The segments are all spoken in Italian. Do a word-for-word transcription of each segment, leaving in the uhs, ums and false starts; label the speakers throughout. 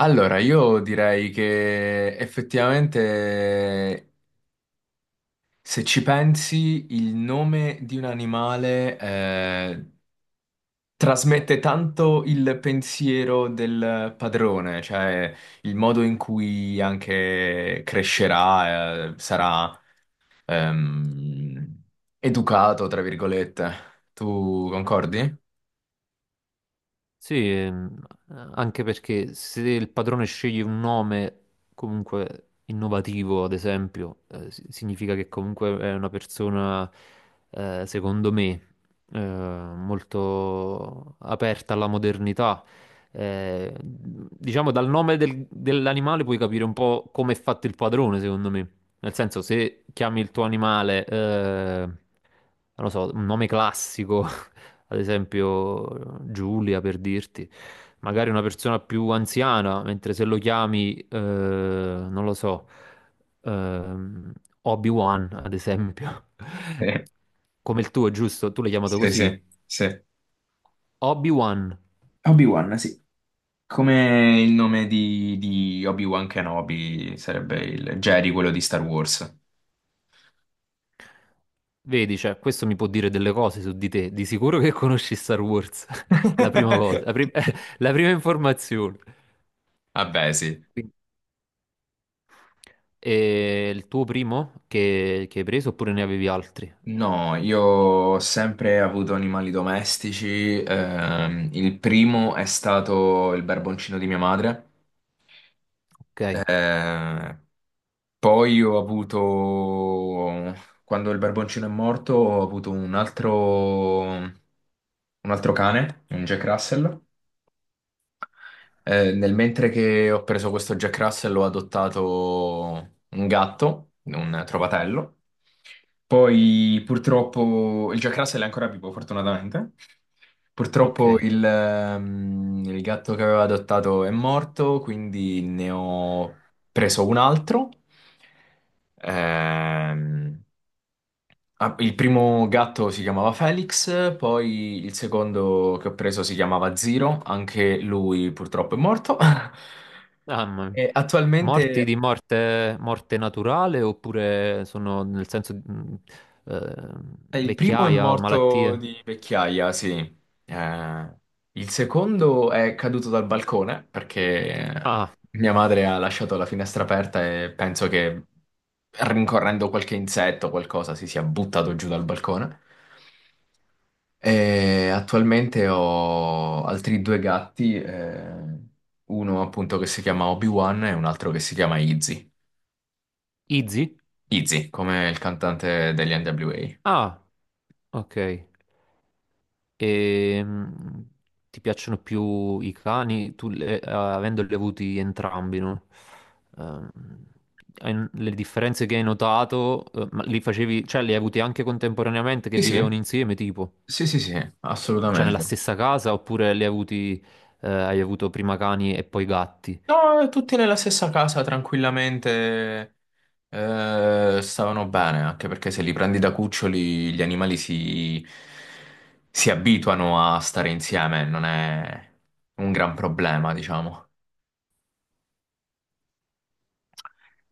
Speaker 1: Allora, io direi che effettivamente, se ci pensi, il nome di un animale eh, trasmette tanto il pensiero del padrone, cioè il modo in cui anche crescerà, eh, sarà ehm, educato, tra virgolette. Tu concordi?
Speaker 2: Sì, ehm, anche perché se il padrone sceglie un nome comunque innovativo, ad esempio, eh, si- significa che comunque è una persona, eh, secondo me, eh, molto aperta alla modernità. Eh, diciamo, dal nome del- dell'animale puoi capire un po' come è fatto il padrone, secondo me. Nel senso, se chiami il tuo animale, eh, non lo so, un nome classico ad esempio Giulia per dirti, magari una persona più anziana, mentre se lo chiami, eh, non lo so, ehm, Obi-Wan ad esempio,
Speaker 1: Sì,
Speaker 2: come il tuo, giusto? Tu l'hai chiamato
Speaker 1: sì, sì.
Speaker 2: così?
Speaker 1: Sì.
Speaker 2: Obi-Wan.
Speaker 1: Obi-Wan, sì. Come il nome di, di Obi-Wan Kenobi sarebbe il Jerry, quello di Star Wars.
Speaker 2: Vedi, cioè, questo mi può dire delle cose su di te. Di sicuro che conosci Star Wars. La prima cosa, la, prim- la prima informazione.
Speaker 1: Vabbè, sì.
Speaker 2: Quindi, è il tuo primo che, che hai preso oppure ne avevi altri?
Speaker 1: No, io ho sempre avuto animali domestici. Ehm, il primo è stato il barboncino di mia madre.
Speaker 2: Ok,
Speaker 1: eh, Poi ho avuto, quando il barboncino è morto, ho avuto un altro, un altro cane, un Jack Russell. Eh, nel mentre che ho preso questo Jack Russell ho adottato un gatto, un trovatello. Poi purtroppo il Jack Russell è ancora vivo, fortunatamente. Purtroppo
Speaker 2: ok.
Speaker 1: il, ehm, il gatto che avevo adottato è morto, quindi ne ho preso un altro. Ehm, Ah, il primo gatto si chiamava Felix, poi il secondo che ho preso si chiamava Zero, anche lui purtroppo è morto.
Speaker 2: Mamma mia.
Speaker 1: E attualmente,
Speaker 2: Morti di morte, morte naturale oppure sono nel senso di, mh, eh,
Speaker 1: eh, il primo è
Speaker 2: vecchiaia o
Speaker 1: morto
Speaker 2: malattie?
Speaker 1: di vecchiaia, sì. Eh, il secondo è caduto dal balcone perché
Speaker 2: Ah,
Speaker 1: mia madre ha lasciato la finestra aperta e penso che rincorrendo qualche insetto o qualcosa si sia buttato giù dal balcone. E attualmente ho altri due gatti, eh, uno appunto che si chiama Obi-Wan e un altro che si chiama Izzy.
Speaker 2: Izzy?
Speaker 1: Izzy, come il cantante degli N W A.
Speaker 2: Ah, ok. E, mh, ti piacciono più i cani, tu le- eh, avendoli avuti entrambi, no? Ehm, hai- le differenze che hai notato, eh, ma li facevi, cioè li hai avuti anche contemporaneamente che
Speaker 1: Sì,
Speaker 2: vivevano
Speaker 1: sì,
Speaker 2: insieme, tipo?
Speaker 1: sì, sì, sì,
Speaker 2: Cioè nella
Speaker 1: assolutamente.
Speaker 2: stessa casa oppure li hai avuti, eh, hai avuto prima cani e poi gatti?
Speaker 1: No, tutti nella stessa casa, tranquillamente, eh, stavano bene, anche perché se li prendi da cuccioli gli animali si, si abituano a stare insieme, non è un gran problema, diciamo.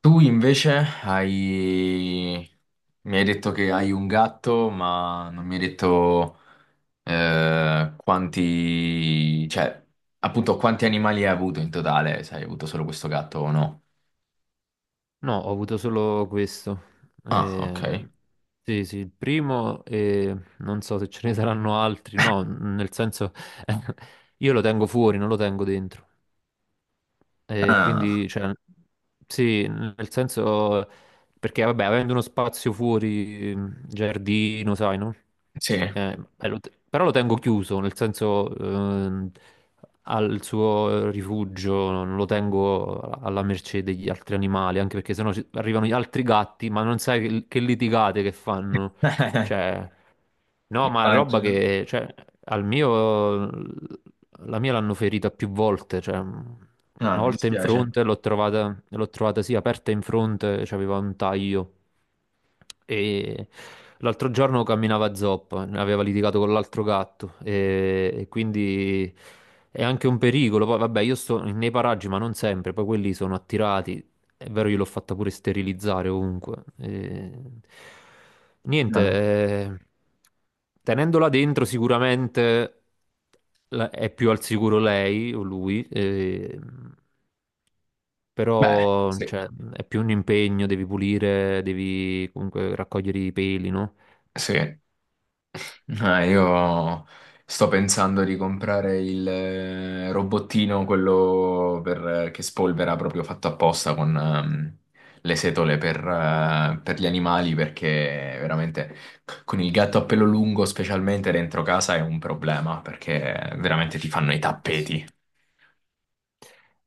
Speaker 1: Tu invece hai... Mi hai detto che hai un gatto, ma non mi hai detto eh, quanti... cioè, appunto, quanti animali hai avuto in totale, se hai avuto solo questo gatto o no.
Speaker 2: No, ho avuto solo questo.
Speaker 1: Ah, ok.
Speaker 2: Ehm, sì, sì, il primo e non so se ce ne saranno altri. No, nel senso, io lo tengo fuori, non lo tengo dentro. E
Speaker 1: Ah,
Speaker 2: quindi, cioè, sì, nel senso, perché vabbè, avendo uno spazio fuori, mh, giardino, sai, no?
Speaker 1: sì.
Speaker 2: Eh, eh, lo te- però lo tengo chiuso, nel senso, ehm, al suo rifugio, non lo tengo alla mercé degli altri animali, anche perché sennò ci- arrivano gli altri gatti, ma non sai che, che litigate che fanno. Cioè, no, ma roba
Speaker 1: Immagino.
Speaker 2: che, cioè, al mio la mia l'hanno ferita più volte, cioè, mh,
Speaker 1: No,
Speaker 2: una
Speaker 1: mi
Speaker 2: volta in
Speaker 1: dispiace.
Speaker 2: fronte l'ho trovata, l'ho trovata sì aperta in fronte, c'aveva un taglio, e l'altro giorno camminava a zoppa, aveva litigato con l'altro gatto e, e quindi è anche un pericolo. Poi vabbè, io sto nei paraggi, ma non sempre, poi quelli sono attirati. È vero, io l'ho fatta pure sterilizzare ovunque. E niente,
Speaker 1: Ah.
Speaker 2: eh, tenendola dentro sicuramente la- è più al sicuro lei o lui. Eh,
Speaker 1: Beh,
Speaker 2: però
Speaker 1: sì,
Speaker 2: cioè, è più un impegno, devi pulire, devi comunque raccogliere i peli, no?
Speaker 1: sì. Ah, io sto pensando di comprare il eh, robottino, quello per- eh, che spolvera proprio fatto apposta con ehm, le setole per, eh, per gli animali, perché veramente con il gatto a pelo lungo, specialmente dentro casa, è un problema, perché veramente ti fanno i
Speaker 2: Eh sì.
Speaker 1: tappeti.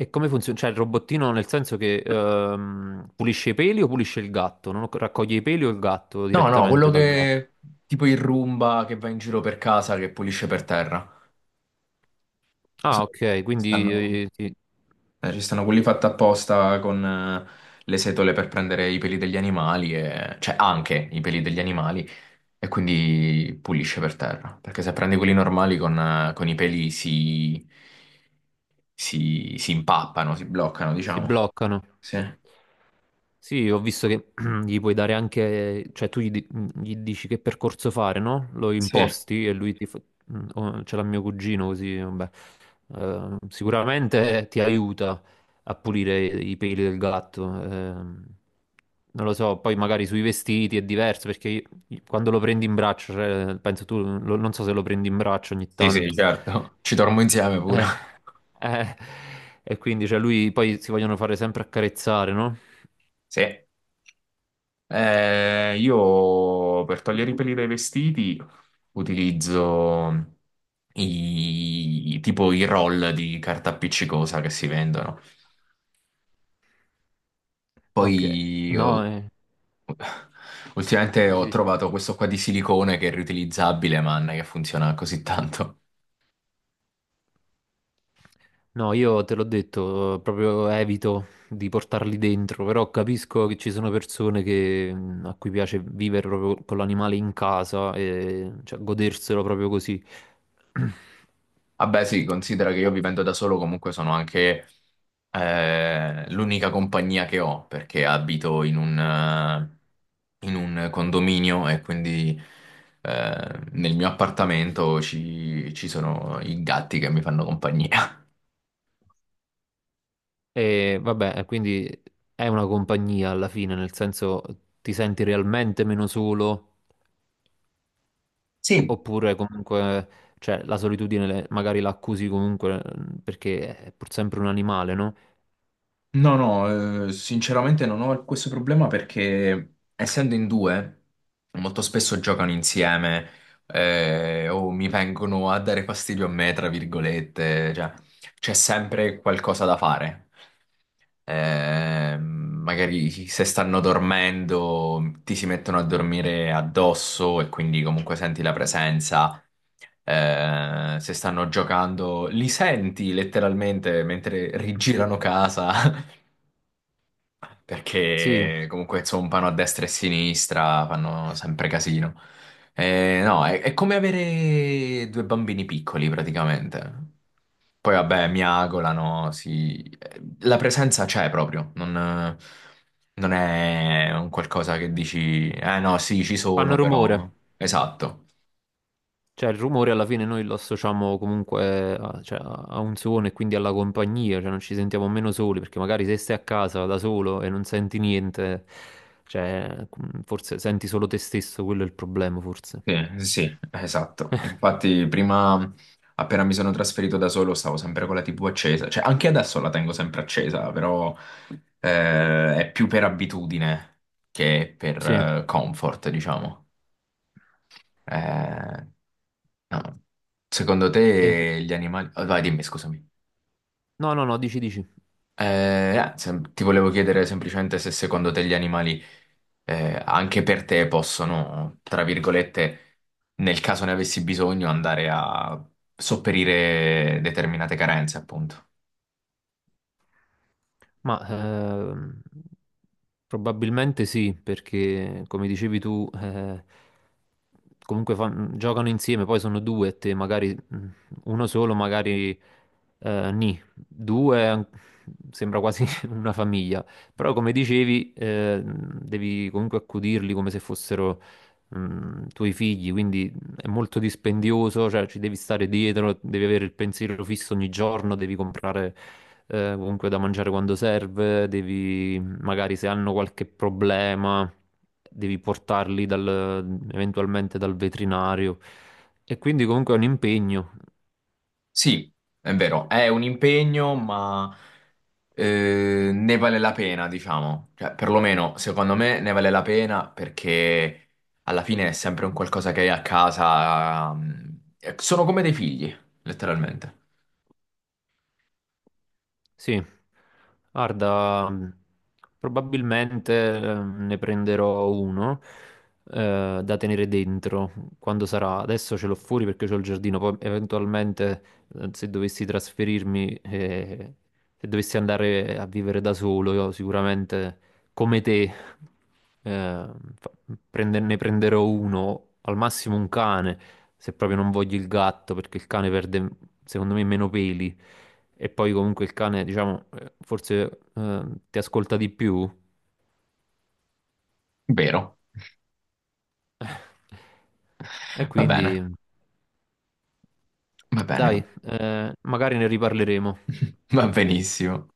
Speaker 2: E come funziona? Cioè, il robottino nel senso che ehm, pulisce i peli o pulisce il gatto? Non ho- Raccoglie i peli o il gatto
Speaker 1: No, no,
Speaker 2: direttamente
Speaker 1: quello
Speaker 2: dal gatto?
Speaker 1: che tipo il Roomba che va in giro per casa, che pulisce per terra.
Speaker 2: Ah,
Speaker 1: Solo
Speaker 2: ok,
Speaker 1: che ci
Speaker 2: quindi,
Speaker 1: stanno.
Speaker 2: eh, si,
Speaker 1: Eh, ci stanno quelli fatti apposta con eh, le setole per prendere i peli degli animali, e cioè anche i peli degli animali, e quindi pulisce per terra. Perché se prendi quelli normali con, eh, con i peli si, si, si impappano, si bloccano,
Speaker 2: si
Speaker 1: diciamo.
Speaker 2: bloccano.
Speaker 1: Sì,
Speaker 2: Sì, ho visto che gli puoi dare anche, cioè tu gli, di- gli dici che percorso fare, no? Lo
Speaker 1: sì,
Speaker 2: imposti e lui ti fa... mm, oh, ce l'ha mio cugino, così, vabbè. Eh, sicuramente ti aiuta a pulire i peli del gatto. Ehm. non lo so, poi magari sui vestiti è diverso perché io- quando lo prendi in braccio, cioè, penso tu, lo- non so se lo prendi in braccio ogni
Speaker 1: sì, sì,
Speaker 2: tanto.
Speaker 1: certo. Ci dormo insieme pure.
Speaker 2: Eh, eh, e quindi, cioè, lui poi si vogliono fare sempre accarezzare, no?
Speaker 1: Sì. Eh, io per togliere i peli dai vestiti utilizzo i, tipo i roll di carta appiccicosa che si vendono.
Speaker 2: Ok,
Speaker 1: Poi
Speaker 2: no,
Speaker 1: ho-
Speaker 2: eh.
Speaker 1: Ultimamente
Speaker 2: Sì,
Speaker 1: ho
Speaker 2: sì.
Speaker 1: trovato questo qua di silicone che è riutilizzabile, man, che funziona così tanto.
Speaker 2: No, io te l'ho detto, proprio evito di portarli dentro, però capisco che ci sono persone che, mh, a cui piace vivere proprio con l'animale in casa e cioè, goderselo proprio così.
Speaker 1: Vabbè, sì, considera che io vivendo da solo comunque sono anche eh, l'unica compagnia che ho perché abito in un, eh, in un condominio e quindi eh, nel mio appartamento ci, ci sono i gatti che mi fanno compagnia.
Speaker 2: E vabbè, quindi è una compagnia alla fine, nel senso ti senti realmente meno solo,
Speaker 1: Sì,
Speaker 2: oppure comunque cioè, la solitudine le- magari la accusi comunque, mh, perché è pur sempre un animale, no?
Speaker 1: no, no, eh, sinceramente non ho questo problema perché essendo in due molto spesso giocano insieme eh, o mi vengono a dare fastidio a me, tra virgolette, cioè c'è sempre qualcosa da fare. Eh, magari se stanno dormendo, ti si mettono a dormire addosso e quindi comunque senti la presenza. Eh, se stanno giocando, li senti letteralmente mentre rigirano casa.
Speaker 2: Sì,
Speaker 1: Perché comunque zompano a destra e a sinistra, fanno sempre casino. Eh, no, è, è come avere due bambini piccoli praticamente. Poi vabbè, miagolano, si... la presenza c'è proprio, non, non è un qualcosa che dici, eh no, sì, ci sono
Speaker 2: fanno rumore.
Speaker 1: però. Esatto.
Speaker 2: Cioè, il rumore alla fine noi lo associamo comunque a, cioè, a un suono e quindi alla compagnia, cioè non ci sentiamo meno soli, perché magari se stai a casa da solo e non senti niente, cioè, mm, forse senti solo te stesso, quello è il problema, forse.
Speaker 1: Sì, sì, sì, esatto. Infatti, prima, appena mi sono trasferito da solo, stavo sempre con la T V accesa. Cioè, anche adesso la tengo sempre accesa, però eh, è più per abitudine che per
Speaker 2: Sì.
Speaker 1: eh, comfort, diciamo. Eh, no. Secondo
Speaker 2: E inve-
Speaker 1: te gli animali. Oh, vai, dimmi, scusami.
Speaker 2: No, no, no, dici, dici.
Speaker 1: Eh, ah, sem- ti volevo chiedere semplicemente se secondo te gli animali eh, anche per te possono, tra virgolette, nel caso ne avessi bisogno, andare a sopperire determinate carenze, appunto.
Speaker 2: Ma ehm, probabilmente sì, perché come dicevi tu, eh, comunque fan- giocano insieme, poi sono due e te, magari, mh, uno solo, magari, eh, nì, due an- sembra quasi una famiglia, però come dicevi, eh, devi comunque accudirli come se fossero, mh, tuoi figli, quindi è molto dispendioso, cioè ci devi stare dietro, devi avere il pensiero fisso ogni giorno, devi comprare, eh, comunque, da mangiare quando serve, devi magari se hanno qualche problema, devi portarli dal- eventualmente dal veterinario. E quindi comunque è un impegno.
Speaker 1: Sì, è vero, è un impegno, ma eh, ne vale la pena, diciamo. Cioè, perlomeno, secondo me, ne vale la pena perché alla fine è sempre un qualcosa che hai a casa. mm, eh, Sono come dei figli, letteralmente.
Speaker 2: Sì, guarda, mh, probabilmente, eh, ne prenderò uno, eh, da tenere dentro quando sarà. Adesso ce l'ho fuori perché c'ho il giardino, poi eventualmente, eh, se dovessi trasferirmi, eh, se dovessi andare a vivere da solo, io sicuramente come te, eh, fa- prende- ne prenderò uno, al massimo un cane se proprio non voglio il gatto, perché il cane perde, secondo me, meno peli. E poi comunque il cane, diciamo, eh, forse eh, ti ascolta di più.
Speaker 1: Vero.
Speaker 2: E
Speaker 1: Va
Speaker 2: quindi,
Speaker 1: bene, va bene, va
Speaker 2: dai, eh, magari ne riparleremo.
Speaker 1: va benissimo.